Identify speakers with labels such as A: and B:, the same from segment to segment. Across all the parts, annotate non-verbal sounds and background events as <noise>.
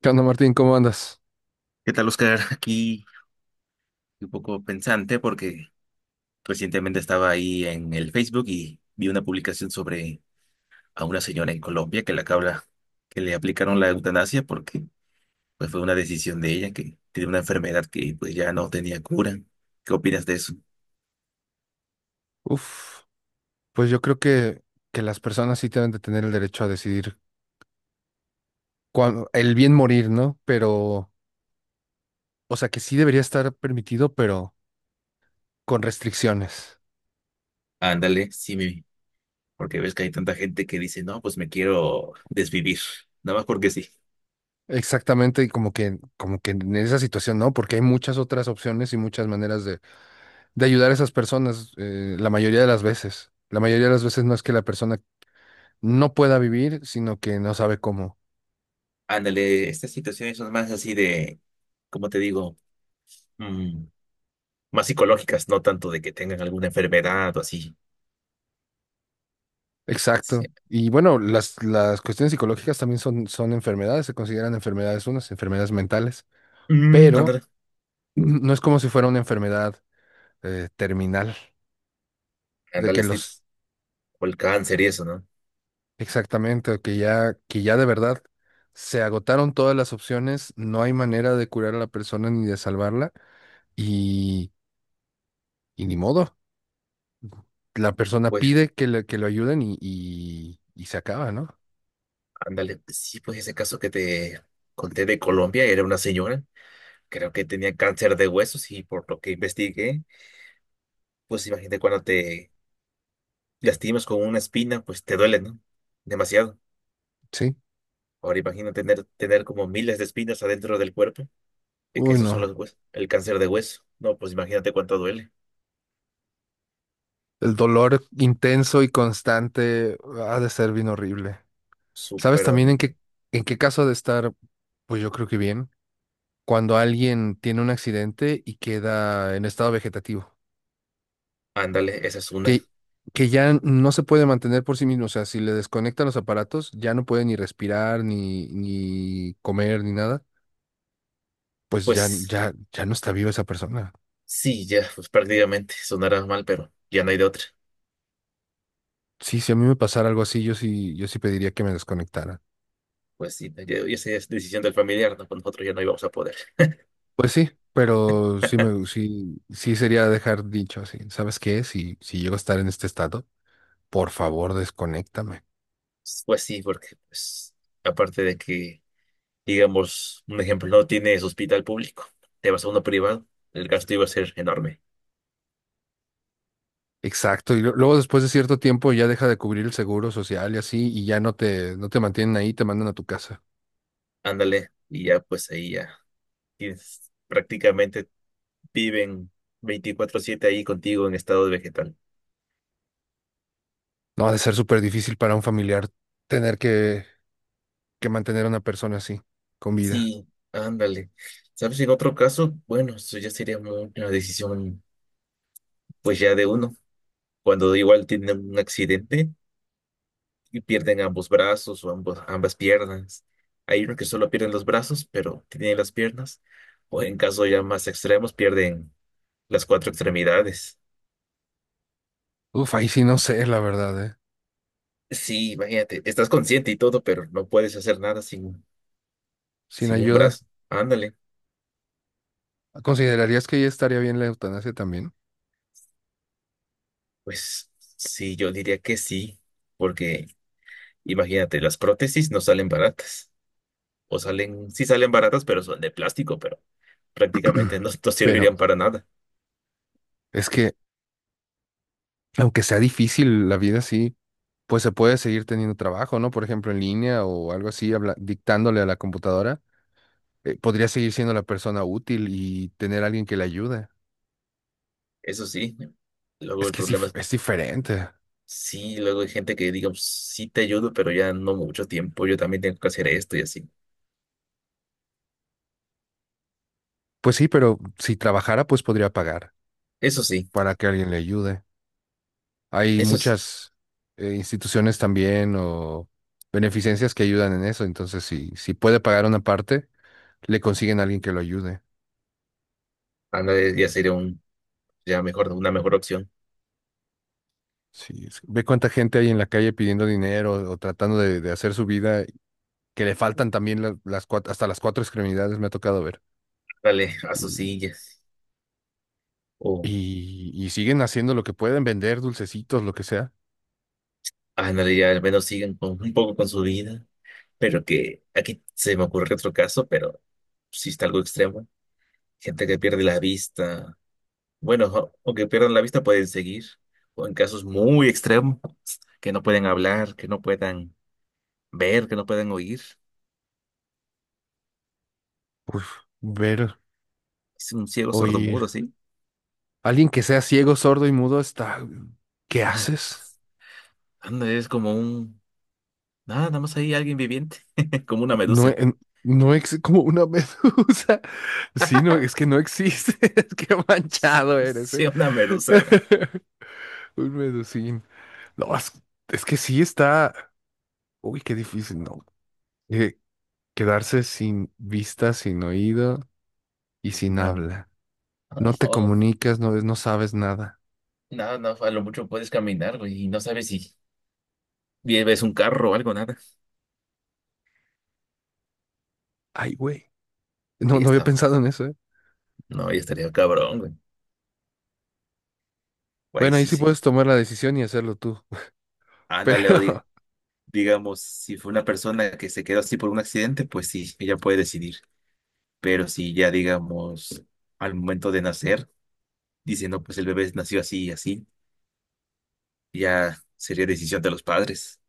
A: ¿Qué onda, Martín? ¿Cómo andas?
B: ¿Qué tal, Oscar? <laughs> Aquí un poco pensante porque recientemente estaba ahí en el Facebook y vi una publicación sobre a una señora en Colombia que la cabra que le aplicaron la eutanasia porque pues, fue una decisión de ella que tiene una enfermedad que pues ya no tenía cura. ¿Qué opinas de eso?
A: Uf, pues yo creo que las personas sí deben de tener el derecho a decidir el bien morir, ¿no? Pero, o sea, que sí debería estar permitido, pero con restricciones.
B: Ándale, sí, porque ves que hay tanta gente que dice, no, pues me quiero desvivir, nada más porque sí.
A: Exactamente, y como que en esa situación, ¿no? Porque hay muchas otras opciones y muchas maneras de ayudar a esas personas, la mayoría de las veces. La mayoría de las veces no es que la persona no pueda vivir, sino que no sabe cómo.
B: Ándale, estas situaciones son más así de, ¿cómo te digo? Más psicológicas, no tanto de que tengan alguna enfermedad o así. Sí.
A: Exacto. Y bueno, las cuestiones psicológicas también son enfermedades, se consideran enfermedades unas, enfermedades mentales,
B: Mm,
A: pero
B: ándale,
A: <clears throat> no es como si fuera una enfermedad terminal, de
B: ándale,
A: que
B: así,
A: los,
B: o el cáncer y eso, ¿no?
A: exactamente, o que ya de verdad se agotaron todas las opciones, no hay manera de curar a la persona ni de salvarla, y, y ni modo. La persona
B: Pues,
A: pide que, que lo ayuden y se acaba, ¿no?
B: ándale, sí, pues ese caso que te conté de Colombia, era una señora, creo que tenía cáncer de huesos y por lo que investigué, pues imagínate cuando te lastimas con una espina, pues te duele, ¿no? Demasiado.
A: Sí.
B: Ahora imagina tener como miles de espinas adentro del cuerpo, es que
A: Uy,
B: esos son
A: no.
B: los huesos, el cáncer de hueso. No, pues imagínate cuánto duele.
A: El dolor intenso y constante ah, ha de ser bien horrible. ¿Sabes
B: Súper
A: también en
B: horrible.
A: en qué caso ha de estar? Pues yo creo que bien. Cuando alguien tiene un accidente y queda en estado vegetativo,
B: Ándale, esa es una.
A: que, que ya no se puede mantener por sí mismo. O sea, si le desconectan los aparatos, ya no puede ni respirar, ni comer, ni nada. Pues
B: Pues
A: ya no está viva esa persona.
B: sí, ya, pues prácticamente sonará mal, pero ya no hay de otra.
A: Sí, si a mí me pasara algo así, yo sí pediría que me desconectaran.
B: Pues sí, ya esa es decisión del familiar, ¿no? Pues nosotros ya no íbamos a poder.
A: Pues sí, pero
B: <laughs>
A: sí sería dejar dicho así. ¿Sabes qué? Si llego a estar en este estado, por favor, desconéctame.
B: Pues sí, porque pues aparte de que, digamos, un ejemplo, no tienes hospital público, te vas a uno privado, el gasto iba a ser enorme.
A: Exacto. Y luego después de cierto tiempo ya deja de cubrir el seguro social y así, y ya no no te mantienen ahí, te mandan a tu casa.
B: Ándale, y ya pues ahí ya prácticamente viven 24/7 ahí contigo en estado vegetal.
A: No ha de ser súper difícil para un familiar tener que mantener a una persona así, con vida.
B: Sí, ándale. ¿Sabes? En otro caso, bueno, eso ya sería una decisión pues ya de uno. Cuando igual tienen un accidente y pierden ambos brazos o ambas piernas. Hay unos que solo pierden los brazos, pero tienen las piernas. O en caso ya más extremos, pierden las cuatro extremidades.
A: Uf, ahí sí no sé, la verdad, ¿eh?
B: Sí, imagínate, estás consciente y todo, pero no puedes hacer nada sin,
A: Sin
B: sin un
A: ayuda.
B: brazo. Ándale.
A: ¿Considerarías que ya estaría bien la eutanasia también?
B: Pues sí, yo diría que sí, porque imagínate, las prótesis no salen baratas. O salen, sí salen baratas, pero son de plástico, pero prácticamente <laughs>
A: <clears throat>
B: no, no
A: Pero
B: servirían para nada.
A: es que, aunque sea difícil, la vida sí. Pues se puede seguir teniendo trabajo, ¿no? Por ejemplo, en línea o algo así, dictándole a la computadora, podría seguir siendo la persona útil y tener alguien que le ayude.
B: Eso sí, luego
A: Es
B: el
A: que sí,
B: problema es,
A: es diferente.
B: sí, luego hay gente que diga: "Pues, sí te ayudo, pero ya no mucho tiempo, yo también tengo que hacer esto y así".
A: Pues sí, pero si trabajara, pues podría pagar
B: Eso sí,
A: para que alguien le ayude. Hay
B: eso sí,
A: muchas instituciones también o beneficencias que ayudan en eso, entonces si puede pagar una parte, le consiguen a alguien que lo ayude.
B: ándale, ya sería un, ya mejor, una mejor opción.
A: Sí, ve cuánta gente hay en la calle pidiendo dinero o tratando de hacer su vida que le faltan también hasta las cuatro extremidades me ha tocado ver.
B: Dale a sus
A: Y,
B: sillas, o
A: y siguen haciendo lo que pueden, vender dulcecitos, lo que sea.
B: ándale, ya al menos siguen con, un poco con su vida, pero que aquí se me ocurre otro caso, pero sí está algo extremo. Gente que pierde la vista, bueno, aunque pierdan la vista pueden seguir, o en casos muy extremos, que no pueden hablar, que no puedan ver, que no pueden oír.
A: Uf, ver,
B: Es un ciego
A: oír.
B: sordomudo, ¿sí? <laughs>
A: Alguien que sea ciego, sordo y mudo está... ¿Qué
B: Ah,
A: haces?
B: anda, es como un... Nada, nada más ahí alguien viviente, <laughs> como una
A: No,
B: medusa.
A: no es como una medusa. <laughs> Sí, no, es que no existe. <laughs> Qué
B: <laughs>
A: manchado eres, ¿eh?
B: Sí, una medusa, güey.
A: <laughs> Un medusín. No, es que sí está... Uy, qué difícil, ¿no? Eh, quedarse sin vista, sin oído y sin
B: No,
A: habla. No te
B: no, <laughs>
A: comunicas, no ves, no sabes nada.
B: no, no, a lo mucho puedes caminar, güey, y no sabes si ves un carro o algo, nada.
A: Ay, güey.
B: Y
A: No,
B: ya
A: no había
B: está.
A: pensado en eso, ¿eh?
B: No, ya estaría cabrón, güey. Güey,
A: Bueno, ahí
B: sí,
A: sí
B: sí.
A: puedes tomar la decisión y hacerlo tú. <laughs>
B: Ándale,
A: Pero,
B: digamos, si fue una persona que se quedó así por un accidente, pues sí, ella puede decidir. Pero si ya, digamos, al momento de nacer, dicen, no, pues el bebé nació así y así. Ya sería decisión de los padres.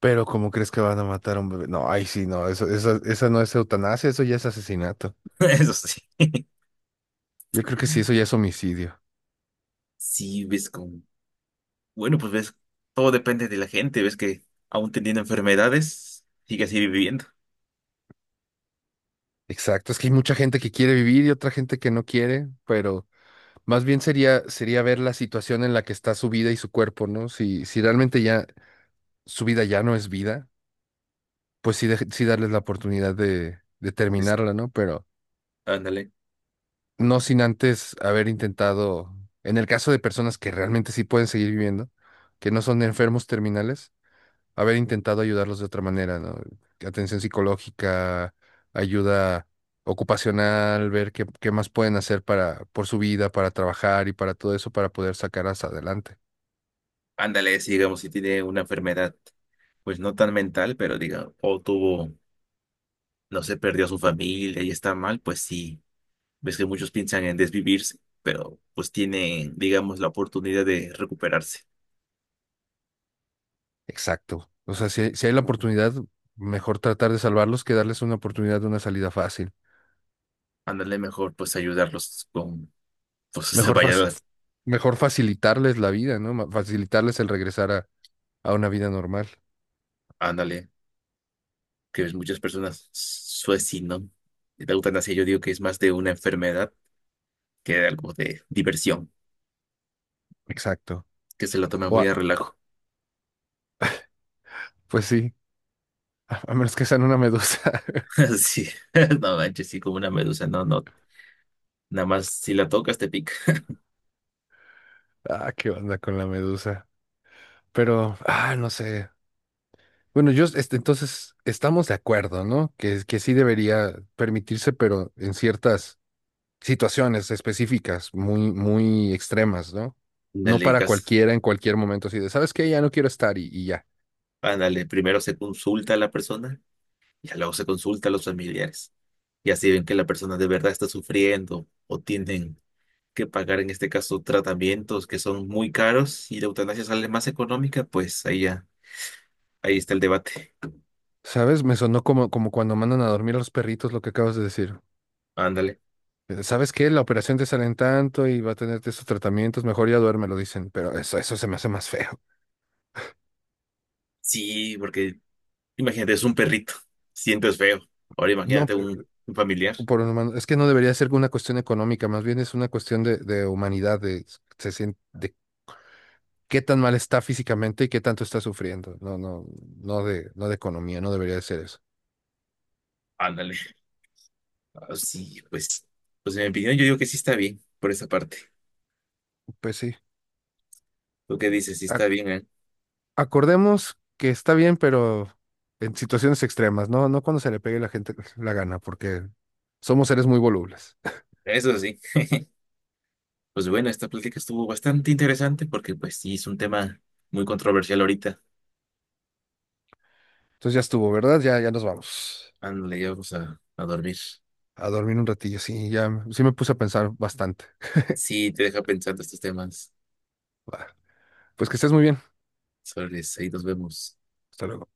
A: pero ¿cómo crees que van a matar a un bebé? No, ay, sí, no, esa no es eutanasia, eso ya es asesinato.
B: <laughs> Eso sí.
A: Yo creo que sí, eso ya es homicidio.
B: Sí, ves con... Bueno, pues ves, todo depende de la gente. Ves que aún teniendo enfermedades, sigue así viviendo.
A: Exacto, es que hay mucha gente que quiere vivir y otra gente que no quiere, pero más bien sería ver la situación en la que está su vida y su cuerpo, ¿no? Si realmente ya su vida ya no es vida, pues sí, sí darles la oportunidad de
B: Pues,
A: terminarla, ¿no? Pero
B: ándale,
A: no sin antes haber intentado, en el caso de personas que realmente sí pueden seguir viviendo, que no son enfermos terminales, haber intentado ayudarlos de otra manera, ¿no? Atención psicológica, ayuda ocupacional, ver qué más pueden hacer para, por su vida, para trabajar y para todo eso, para poder sacarlas adelante.
B: ándale, si digamos, si tiene una enfermedad, pues no tan mental, pero diga, o tuvo, no sé, perdió a su familia y está mal, pues sí. Ves que muchos piensan en desvivirse, pero pues tienen, digamos, la oportunidad de recuperarse.
A: Exacto. O sea, si hay la oportunidad, mejor tratar de salvarlos que darles una oportunidad de una salida fácil.
B: Ándale, mejor pues ayudarlos con, pues <laughs> se
A: Mejor, fac-
B: vaya,
A: mejor facilitarles la vida, ¿no? Facilitarles el regresar a A una vida normal.
B: ándale. Que ves muchas personas suicidan de la eutanasia, yo digo que es más de una enfermedad que de algo de diversión,
A: Exacto.
B: que se la toma
A: O
B: muy a relajo.
A: pues sí, <laughs> a menos que sean una medusa. <laughs>
B: <laughs> Así, <laughs> no manches, sí, como una medusa, no, no. Nada más si la tocas te pica.
A: Ah, qué onda con la medusa. Pero, ah, no sé. Bueno, yo, este, entonces, estamos de acuerdo, ¿no? Que sí debería permitirse, pero en ciertas situaciones específicas, muy extremas, ¿no? No
B: Ándale,
A: para
B: digas,
A: cualquiera en cualquier momento, así de, ¿sabes qué? Ya no quiero estar y ya.
B: ándale, primero se consulta a la persona y luego se consulta a los familiares. Y así ven que la persona de verdad está sufriendo o tienen que pagar en este caso tratamientos que son muy caros y la eutanasia sale más económica, pues ahí ya, ahí está el debate.
A: ¿Sabes? Me sonó como cuando mandan a dormir a los perritos, lo que acabas de decir.
B: Ándale.
A: ¿Sabes qué? La operación te sale en tanto y va a tenerte estos tratamientos, mejor ya duerme, lo dicen, pero eso se me hace más feo. <laughs>
B: Sí, porque imagínate, es un perrito. Sientes feo. Ahora
A: No,
B: imagínate un familiar.
A: por un humano, es que no debería ser una cuestión económica, más bien es una cuestión de humanidad, de, de qué tan mal está físicamente y qué tanto está sufriendo. No, no de, no de economía, no debería de ser eso.
B: Ándale. Ah, sí, pues, pues en mi opinión yo digo que sí está bien por esa parte.
A: Pues sí,
B: ¿Tú qué dices? Sí está
A: ac-
B: bien, ¿eh?
A: acordemos que está bien, pero en situaciones extremas, no, no cuando se le pegue la gente la gana, porque somos seres muy volubles.
B: Eso sí. Pues bueno, esta plática estuvo bastante interesante porque pues sí, es un tema muy controversial ahorita.
A: Entonces ya estuvo, ¿verdad? Ya nos vamos.
B: Ándale, ya vamos a dormir.
A: A dormir un ratillo, sí, ya, sí me puse a pensar bastante.
B: Sí, te deja pensando estos temas.
A: Va, pues que estés muy bien.
B: Sobre ahí nos vemos.
A: Hasta luego.